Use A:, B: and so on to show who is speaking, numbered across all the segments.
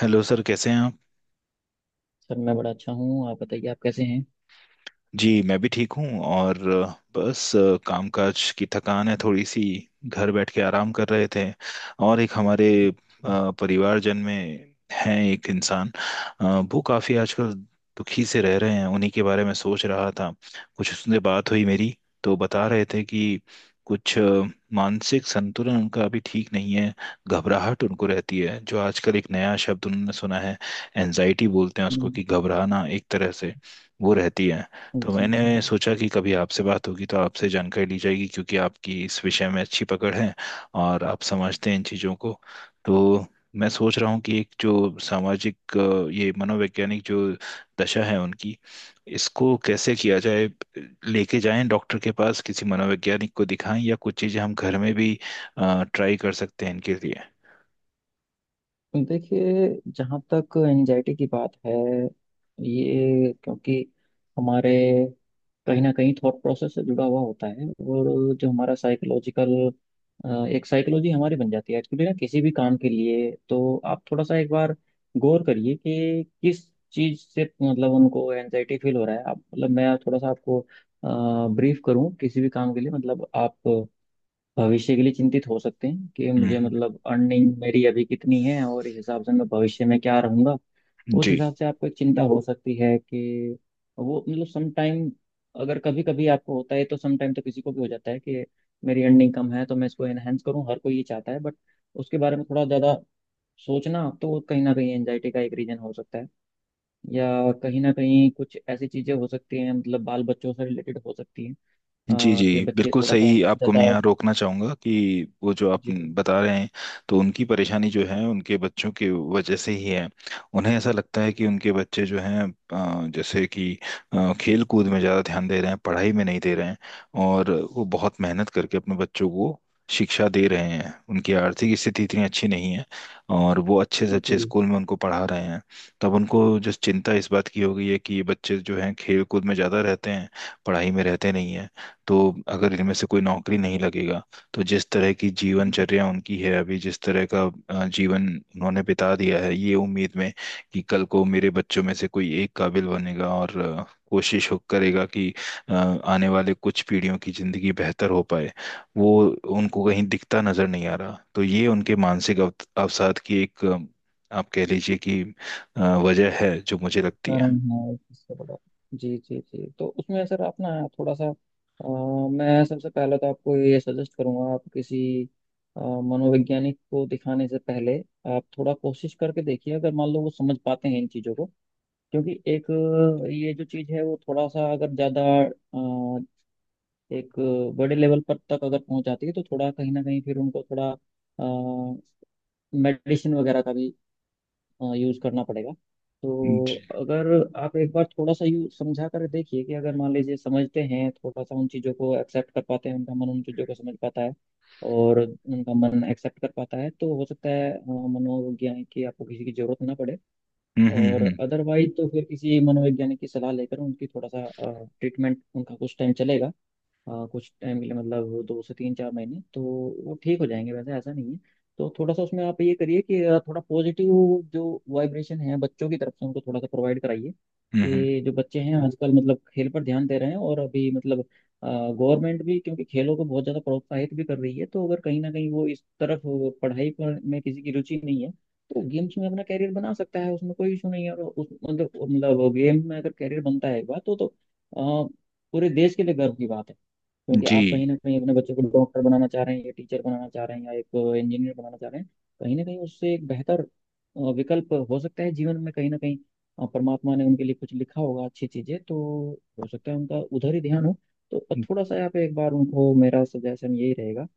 A: Hello sir, कैसे हैं आप?
B: सर मैं बड़ा अच्छा हूँ। आप बताइए, आप कैसे हैं?
A: जी, मैं भी ठीक हूँ। और बस कामकाज की थकान है, थोड़ी सी। घर बैठ के आराम कर रहे थे, और एक हमारे
B: हाँ।
A: परिवारजन में हैं एक इंसान। अ, वो काफ़ी आजकल दुखी से रह रहे हैं। उन्हीं के बारे में सोच रहा था। कुछ उससे बात हुई मेरी, तो बता रहे थे कि कुछ मानसिक संतुलन उनका अभी ठीक नहीं है। घबराहट उनको रहती है, जो आजकल एक नया शब्द उन्होंने सुना है, एनजाइटी बोलते हैं उसको,
B: हम्म।
A: कि घबराना एक तरह से वो रहती है। तो
B: जी जी।
A: मैंने सोचा कि कभी आपसे बात होगी तो आपसे जानकारी ली जाएगी, क्योंकि आपकी इस विषय में अच्छी पकड़ है और आप समझते हैं इन चीज़ों को। तो मैं सोच रहा हूँ कि एक जो सामाजिक ये मनोवैज्ञानिक जो दशा है उनकी, इसको कैसे किया जाए? लेके जाएं डॉक्टर के पास, किसी मनोवैज्ञानिक को दिखाएं, या कुछ चीज़ें हम घर में भी ट्राई कर सकते हैं इनके लिए?
B: देखिए, जहाँ तक एंजाइटी की बात है, ये क्योंकि हमारे कहीं ना कहीं थॉट प्रोसेस से जुड़ा हुआ होता है, और जो हमारा साइकोलॉजिकल एक साइकोलॉजी हमारी बन जाती है एक्चुअली ना किसी भी काम के लिए। तो आप थोड़ा सा एक बार गौर करिए कि किस चीज़ से मतलब उनको एंजाइटी फील हो रहा है। आप मतलब मैं थोड़ा सा आपको ब्रीफ करूँ किसी भी काम के लिए। मतलब आप भविष्य के लिए चिंतित हो सकते हैं कि मुझे
A: हम्म।
B: मतलब अर्निंग मेरी अभी कितनी है और इस हिसाब से मैं भविष्य में क्या रहूंगा। उस
A: जी,
B: हिसाब से आपको एक चिंता हो सकती है कि वो मतलब सम टाइम अगर कभी कभी आपको होता है तो सम टाइम तो किसी को भी हो जाता है कि मेरी अर्निंग कम है तो मैं इसको एनहेंस करूं, हर कोई ये चाहता है। बट उसके बारे में थोड़ा ज़्यादा सोचना तो कहीं ना कहीं एंजाइटी का एक रीजन हो सकता है। या कहीं ना कहीं कुछ ऐसी चीज़ें हो सकती हैं, मतलब बाल बच्चों से रिलेटेड हो सकती हैं,
A: जी, जी।
B: कि बच्चे
A: बिल्कुल
B: थोड़ा सा
A: सही। आपको मैं
B: ज़्यादा।
A: यहाँ रोकना चाहूँगा कि वो जो आप
B: जी
A: बता रहे हैं, तो उनकी परेशानी जो है उनके बच्चों की वजह से ही है। उन्हें ऐसा लगता है कि उनके बच्चे जो हैं, जैसे कि खेल कूद में ज़्यादा ध्यान दे रहे हैं, पढ़ाई में नहीं दे रहे हैं। और वो बहुत मेहनत करके अपने बच्चों को शिक्षा दे रहे हैं। उनकी आर्थिक स्थिति इतनी अच्छी नहीं है, और वो अच्छे से अच्छे
B: जी।
A: स्कूल में उनको पढ़ा रहे हैं। तब उनको जो चिंता इस बात की हो गई है कि ये बच्चे जो हैं खेल कूद में ज़्यादा रहते हैं, पढ़ाई में रहते नहीं हैं। तो अगर इनमें से कोई नौकरी नहीं लगेगा, तो जिस तरह की जीवनचर्या उनकी है अभी, जिस तरह का जीवन उन्होंने बिता दिया है ये उम्मीद में कि कल को मेरे बच्चों में से कोई एक काबिल बनेगा, और कोशिश हो करेगा कि आने वाले कुछ पीढ़ियों की जिंदगी बेहतर हो पाए, वो उनको कहीं दिखता नजर नहीं आ रहा। तो ये उनके मानसिक अवसाद की एक आप कह लीजिए कि अ, वजह है जो मुझे लगती है।
B: कर्म है किसका बड़ा। जी जी जी। तो उसमें सर आप ना थोड़ा सा मैं सबसे पहले तो आपको ये सजेस्ट करूंगा, आप किसी मनोवैज्ञानिक को दिखाने से पहले आप थोड़ा कोशिश करके देखिए अगर मान लो वो समझ पाते हैं इन चीज़ों को। क्योंकि एक ये जो चीज़ है वो थोड़ा सा अगर ज़्यादा अ, एक बड़े लेवल पर तक अगर पहुंच जाती है तो थोड़ा कहीं ना कहीं फिर उनको थोड़ा मेडिसिन वगैरह का भी यूज़ करना पड़ेगा। तो
A: जी।
B: अगर आप एक बार थोड़ा सा यू समझा कर देखिए कि अगर मान लीजिए समझते हैं, थोड़ा सा उन चीज़ों को एक्सेप्ट कर पाते हैं, उनका मन उन चीज़ों को समझ पाता है और उनका मन एक्सेप्ट कर पाता है, तो हो सकता है मनोवैज्ञानिक की आपको किसी की जरूरत ना पड़े।
A: हम्म,
B: और
A: हम्म,
B: अदरवाइज तो फिर किसी मनोवैज्ञानिक की सलाह लेकर उनकी थोड़ा सा ट्रीटमेंट उनका कुछ टाइम चलेगा। कुछ टाइम के लिए मतलब दो से तीन चार महीने तो वो ठीक हो जाएंगे, वैसे ऐसा नहीं है। तो थोड़ा सा उसमें आप ये करिए कि थोड़ा पॉजिटिव जो वाइब्रेशन है बच्चों की तरफ से उनको थोड़ा सा प्रोवाइड कराइए।
A: हम्म,
B: कि जो बच्चे हैं आजकल मतलब खेल पर ध्यान दे रहे हैं, और अभी मतलब गवर्नमेंट भी क्योंकि खेलों को बहुत ज़्यादा प्रोत्साहित भी कर रही है, तो अगर कहीं ना कहीं वो इस तरफ पढ़ाई पर में किसी की रुचि नहीं है तो गेम्स में अपना कैरियर बना सकता है, उसमें कोई इशू नहीं है। और उस मतलब गेम में अगर कैरियर बनता है एक बार तो आ, पूरे देश के लिए गर्व की बात है। क्योंकि
A: जी।
B: आप कहीं ना कहीं अपने बच्चे को डॉक्टर बनाना चाह रहे हैं या टीचर बनाना चाह रहे हैं या एक इंजीनियर बनाना चाह रहे हैं, कहीं ना कहीं उससे एक बेहतर विकल्प हो सकता है जीवन में। कहीं ना कहीं परमात्मा ने उनके लिए कुछ लिखा होगा अच्छी चीजें, तो हो सकता है उनका उधर ही ध्यान हो। तो
A: हम्म,
B: थोड़ा सा यहाँ पे एक बार उनको मेरा सजेशन यही रहेगा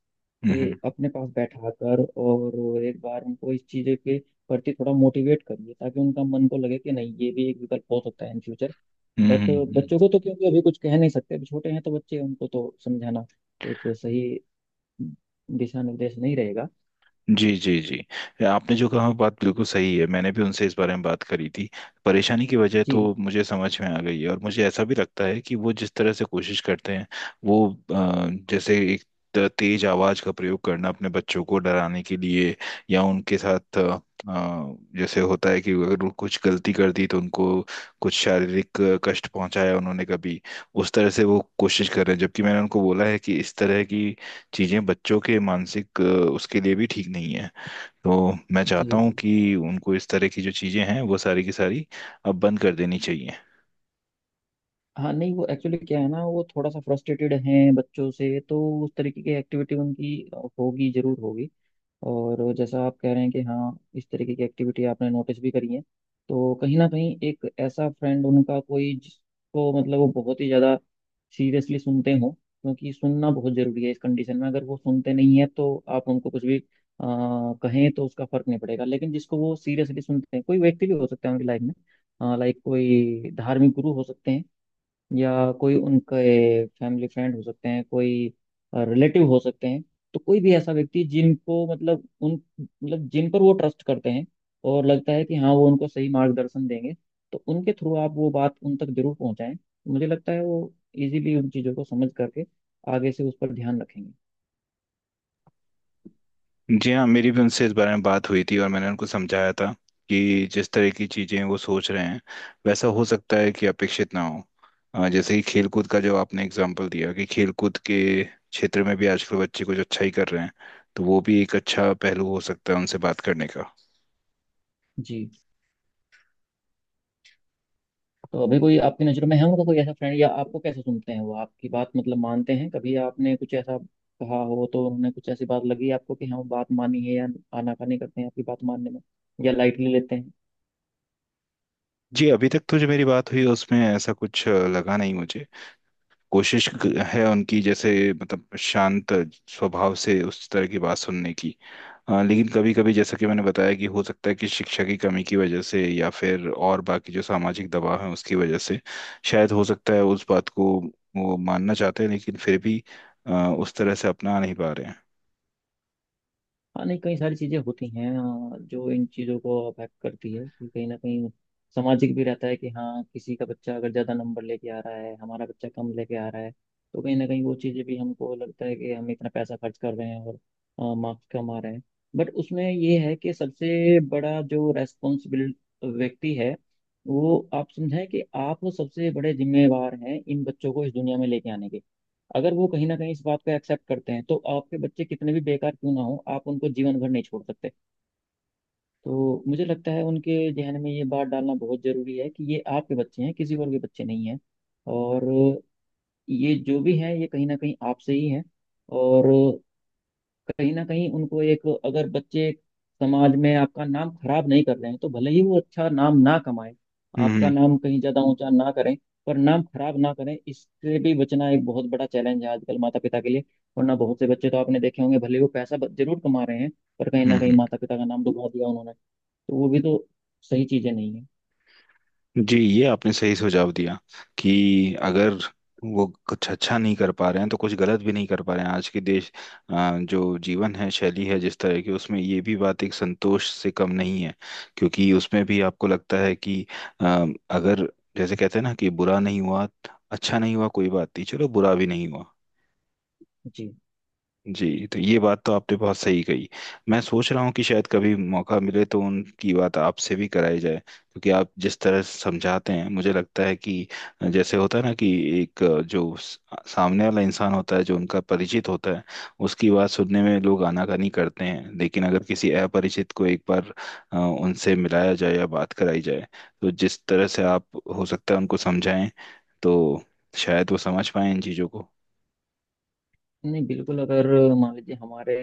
A: हम्म।
B: कि अपने पास बैठा कर और एक बार उनको इस चीज़ के प्रति थोड़ा मोटिवेट करिए, ताकि उनका मन को लगे कि नहीं ये भी एक विकल्प हो सकता है इन फ्यूचर।
A: हम्म,
B: बट बच्चों को तो क्योंकि अभी कुछ कह नहीं सकते, अभी छोटे हैं, तो बच्चे उनको तो समझाना एक सही दिशा निर्देश नहीं रहेगा।
A: जी, जी, जी। आपने जो कहा बात बिल्कुल सही है। मैंने भी उनसे इस बारे में बात करी थी। परेशानी की वजह
B: जी
A: तो मुझे समझ में आ गई है, और मुझे ऐसा भी लगता है कि वो जिस तरह से कोशिश करते हैं, वो जैसे एक तेज आवाज का प्रयोग करना अपने बच्चों को डराने के लिए, या उनके साथ जैसे होता है कि अगर वो कुछ गलती कर दी तो उनको कुछ शारीरिक कष्ट पहुंचाया उन्होंने कभी, उस तरह से वो कोशिश कर रहे हैं। जबकि मैंने उनको बोला है कि इस तरह की चीज़ें बच्चों के मानसिक उसके लिए भी ठीक नहीं है। तो मैं
B: जी
A: चाहता हूँ
B: जी।
A: कि उनको इस तरह की जो चीज़ें हैं वो सारी की सारी अब बंद कर देनी चाहिए।
B: हाँ नहीं वो एक्चुअली क्या है ना, वो थोड़ा सा फ्रस्ट्रेटेड हैं बच्चों से, तो उस तरीके की एक्टिविटी उनकी होगी, जरूर होगी। और जैसा आप कह रहे हैं कि हाँ इस तरीके की एक्टिविटी आपने नोटिस भी करी है। तो कहीं ना कहीं एक ऐसा फ्रेंड उनका कोई जिसको मतलब वो बहुत ही ज़्यादा सीरियसली सुनते हो, क्योंकि सुनना बहुत ज़रूरी है इस कंडीशन में। अगर वो सुनते नहीं है तो आप उनको कुछ भी कहें तो उसका फर्क नहीं पड़ेगा, लेकिन जिसको वो सीरियसली सुनते हैं कोई व्यक्ति भी हो सकता है उनकी लाइफ में, लाइक कोई धार्मिक गुरु हो सकते हैं या कोई उनके फैमिली फ्रेंड हो सकते हैं, कोई रिलेटिव हो सकते हैं। तो कोई भी ऐसा व्यक्ति जिनको मतलब उन मतलब जिन पर वो ट्रस्ट करते हैं और लगता है कि हाँ वो उनको सही मार्गदर्शन देंगे, तो उनके थ्रू आप वो बात उन तक जरूर पहुंचाएं। मुझे लगता है वो इजीली उन चीज़ों को समझ करके आगे से उस पर ध्यान रखेंगे।
A: जी हाँ, मेरी भी उनसे इस बारे में बात हुई थी और मैंने उनको समझाया था कि जिस तरह की चीज़ें वो सोच रहे हैं वैसा हो सकता है कि अपेक्षित ना हो। जैसे कि खेलकूद का जो आपने एग्जाम्पल दिया, कि खेलकूद के क्षेत्र में भी आजकल बच्चे कुछ अच्छा ही कर रहे हैं, तो वो भी एक अच्छा पहलू हो सकता है उनसे बात करने का।
B: जी। तो अभी कोई आपकी नज़र में है उनका कोई ऐसा फ्रेंड? या आपको कैसे सुनते हैं वो, आपकी बात मतलब मानते हैं? कभी आपने कुछ ऐसा कहा हो तो उन्होंने कुछ ऐसी बात लगी आपको कि हाँ वो बात मानी है, या आनाकानी करते हैं आपकी बात मानने में, या लाइटली लेते हैं?
A: जी, अभी तक तो जो मेरी बात हुई उसमें ऐसा कुछ लगा नहीं मुझे। कोशिश क-
B: जी।
A: है उनकी, जैसे मतलब शांत स्वभाव से उस तरह की बात सुनने की। लेकिन कभी कभी जैसा कि मैंने बताया कि हो सकता है कि शिक्षा की कमी की वजह से या फिर और बाकी जो सामाजिक दबाव है उसकी वजह से शायद हो सकता है उस बात को वो मानना चाहते हैं, लेकिन फिर भी अ, उस तरह से अपना नहीं पा रहे हैं।
B: हाँ नहीं कई सारी चीजें होती हैं जो इन चीजों को अफेक्ट करती है। कि कहीं ना कहीं सामाजिक भी रहता है कि हाँ किसी का बच्चा अगर ज्यादा नंबर लेके आ रहा है, हमारा बच्चा कम लेके आ रहा है, तो कहीं ना कहीं वो चीजें भी हमको लगता है कि हम इतना पैसा खर्च कर रहे हैं और मार्क्स कम आ रहे हैं। बट उसमें ये है कि सबसे बड़ा जो रेस्पॉन्सिबिल व्यक्ति है, वो आप समझें कि आप सबसे बड़े जिम्मेवार हैं इन बच्चों को इस दुनिया में लेके आने के। अगर वो कहीं ना कहीं इस बात को एक्सेप्ट करते हैं तो आपके बच्चे कितने भी बेकार क्यों ना हो, आप उनको जीवन भर नहीं छोड़ सकते। तो मुझे लगता है उनके जहन में ये बात डालना बहुत जरूरी है कि ये आपके बच्चे हैं, किसी और के बच्चे नहीं हैं। और ये जो भी हैं ये कहीं ना कहीं आपसे ही हैं। और कहीं ना कहीं उनको एक, अगर बच्चे समाज में आपका नाम खराब नहीं कर रहे हैं तो भले ही वो अच्छा नाम ना कमाए,
A: हम्म,
B: आपका
A: हम्म,
B: नाम कहीं ज्यादा ऊंचा ना करें, पर नाम खराब ना करें, इससे भी बचना एक बहुत बड़ा चैलेंज है आजकल माता पिता के लिए। वरना बहुत से बच्चे तो आपने देखे होंगे, भले वो पैसा जरूर कमा रहे हैं पर कहीं
A: हम्म,
B: ना कहीं माता पिता का नाम डुबा दिया उन्होंने। तो वो भी तो सही चीजें नहीं है।
A: जी, ये आपने सही सुझाव दिया कि अगर वो कुछ अच्छा नहीं कर पा रहे हैं तो कुछ गलत भी नहीं कर पा रहे हैं। आज के देश जो जीवन है शैली है जिस तरह की, उसमें ये भी बात एक संतोष से कम नहीं है। क्योंकि उसमें भी आपको लगता है कि अ, अगर जैसे कहते हैं ना कि बुरा नहीं हुआ, अच्छा नहीं हुआ कोई बात नहीं, चलो बुरा भी नहीं हुआ।
B: जी
A: जी, तो ये बात तो आपने बहुत सही कही। मैं सोच रहा हूँ कि शायद कभी मौका मिले तो उनकी बात आपसे भी कराई जाए, क्योंकि आप जिस तरह समझाते हैं मुझे लगता है कि जैसे होता है ना कि एक जो सामने वाला इंसान होता है जो उनका परिचित होता है, उसकी बात सुनने में लोग आनाकानी करते हैं, लेकिन अगर किसी अपरिचित को एक बार उनसे मिलाया जाए या बात कराई जाए, तो जिस तरह से आप हो सकता है उनको समझाएं, तो शायद वो समझ पाए इन चीज़ों को।
B: नहीं, बिल्कुल, अगर मान लीजिए हमारे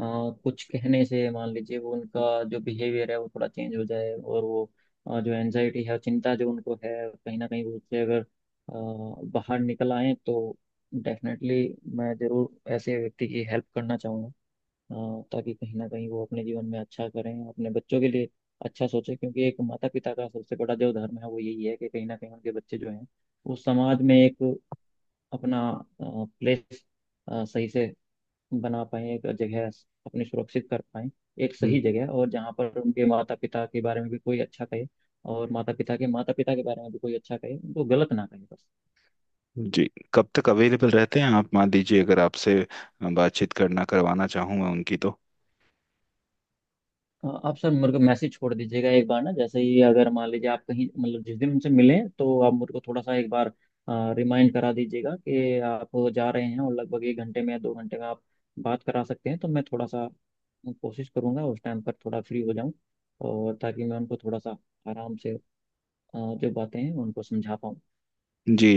B: अ, कुछ कहने से मान लीजिए वो उनका जो बिहेवियर है वो थोड़ा चेंज हो जाए, और वो जो एनजाइटी है, चिंता जो उनको है, कहीं ना कहीं वो उससे अगर बाहर निकल आए, तो डेफिनेटली मैं जरूर ऐसे व्यक्ति की हेल्प करना चाहूँगा, ताकि कहीं ना कहीं वो अपने जीवन में अच्छा करें, अपने बच्चों के लिए अच्छा सोचें। क्योंकि एक माता पिता का सबसे बड़ा जो धर्म है वो यही है कि कहीं ना कहीं उनके बच्चे जो हैं वो समाज में एक अपना प्लेस सही से बना पाएं, एक जगह अपनी सुरक्षित कर पाएं, एक सही जगह, और जहाँ पर उनके माता पिता के बारे में भी कोई अच्छा कहे, और माता पिता के बारे में भी कोई अच्छा कहे, उनको गलत ना कहे बस।
A: जी, कब तक अवेलेबल रहते हैं आप? मान लीजिए अगर आपसे बातचीत करना करवाना चाहूँ मैं उनकी तो।
B: आप सर मेरे को मैसेज छोड़ दीजिएगा एक बार ना, जैसे ही अगर मान लीजिए आप कहीं मतलब जिस दिन उनसे मिलें तो आप मेरे को थोड़ा सा एक बार रिमाइंड करा दीजिएगा कि आप जा रहे हैं और लगभग 1 घंटे में या 2 घंटे में आप बात करा सकते हैं, तो मैं थोड़ा सा कोशिश करूंगा उस टाइम पर थोड़ा फ्री हो जाऊं, और ताकि मैं उनको थोड़ा सा आराम से जो बातें हैं उनको समझा पाऊँ।
A: जी,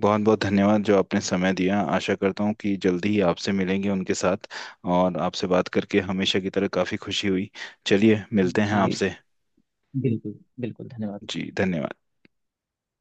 A: बहुत बहुत धन्यवाद जो आपने समय दिया। आशा करता हूँ कि जल्दी ही आपसे मिलेंगे उनके साथ, और आपसे बात करके हमेशा की तरह काफ़ी खुशी हुई। चलिए, मिलते हैं
B: जी।
A: आपसे।
B: बिल्कुल। बिल्कुल धन्यवाद।
A: जी, धन्यवाद।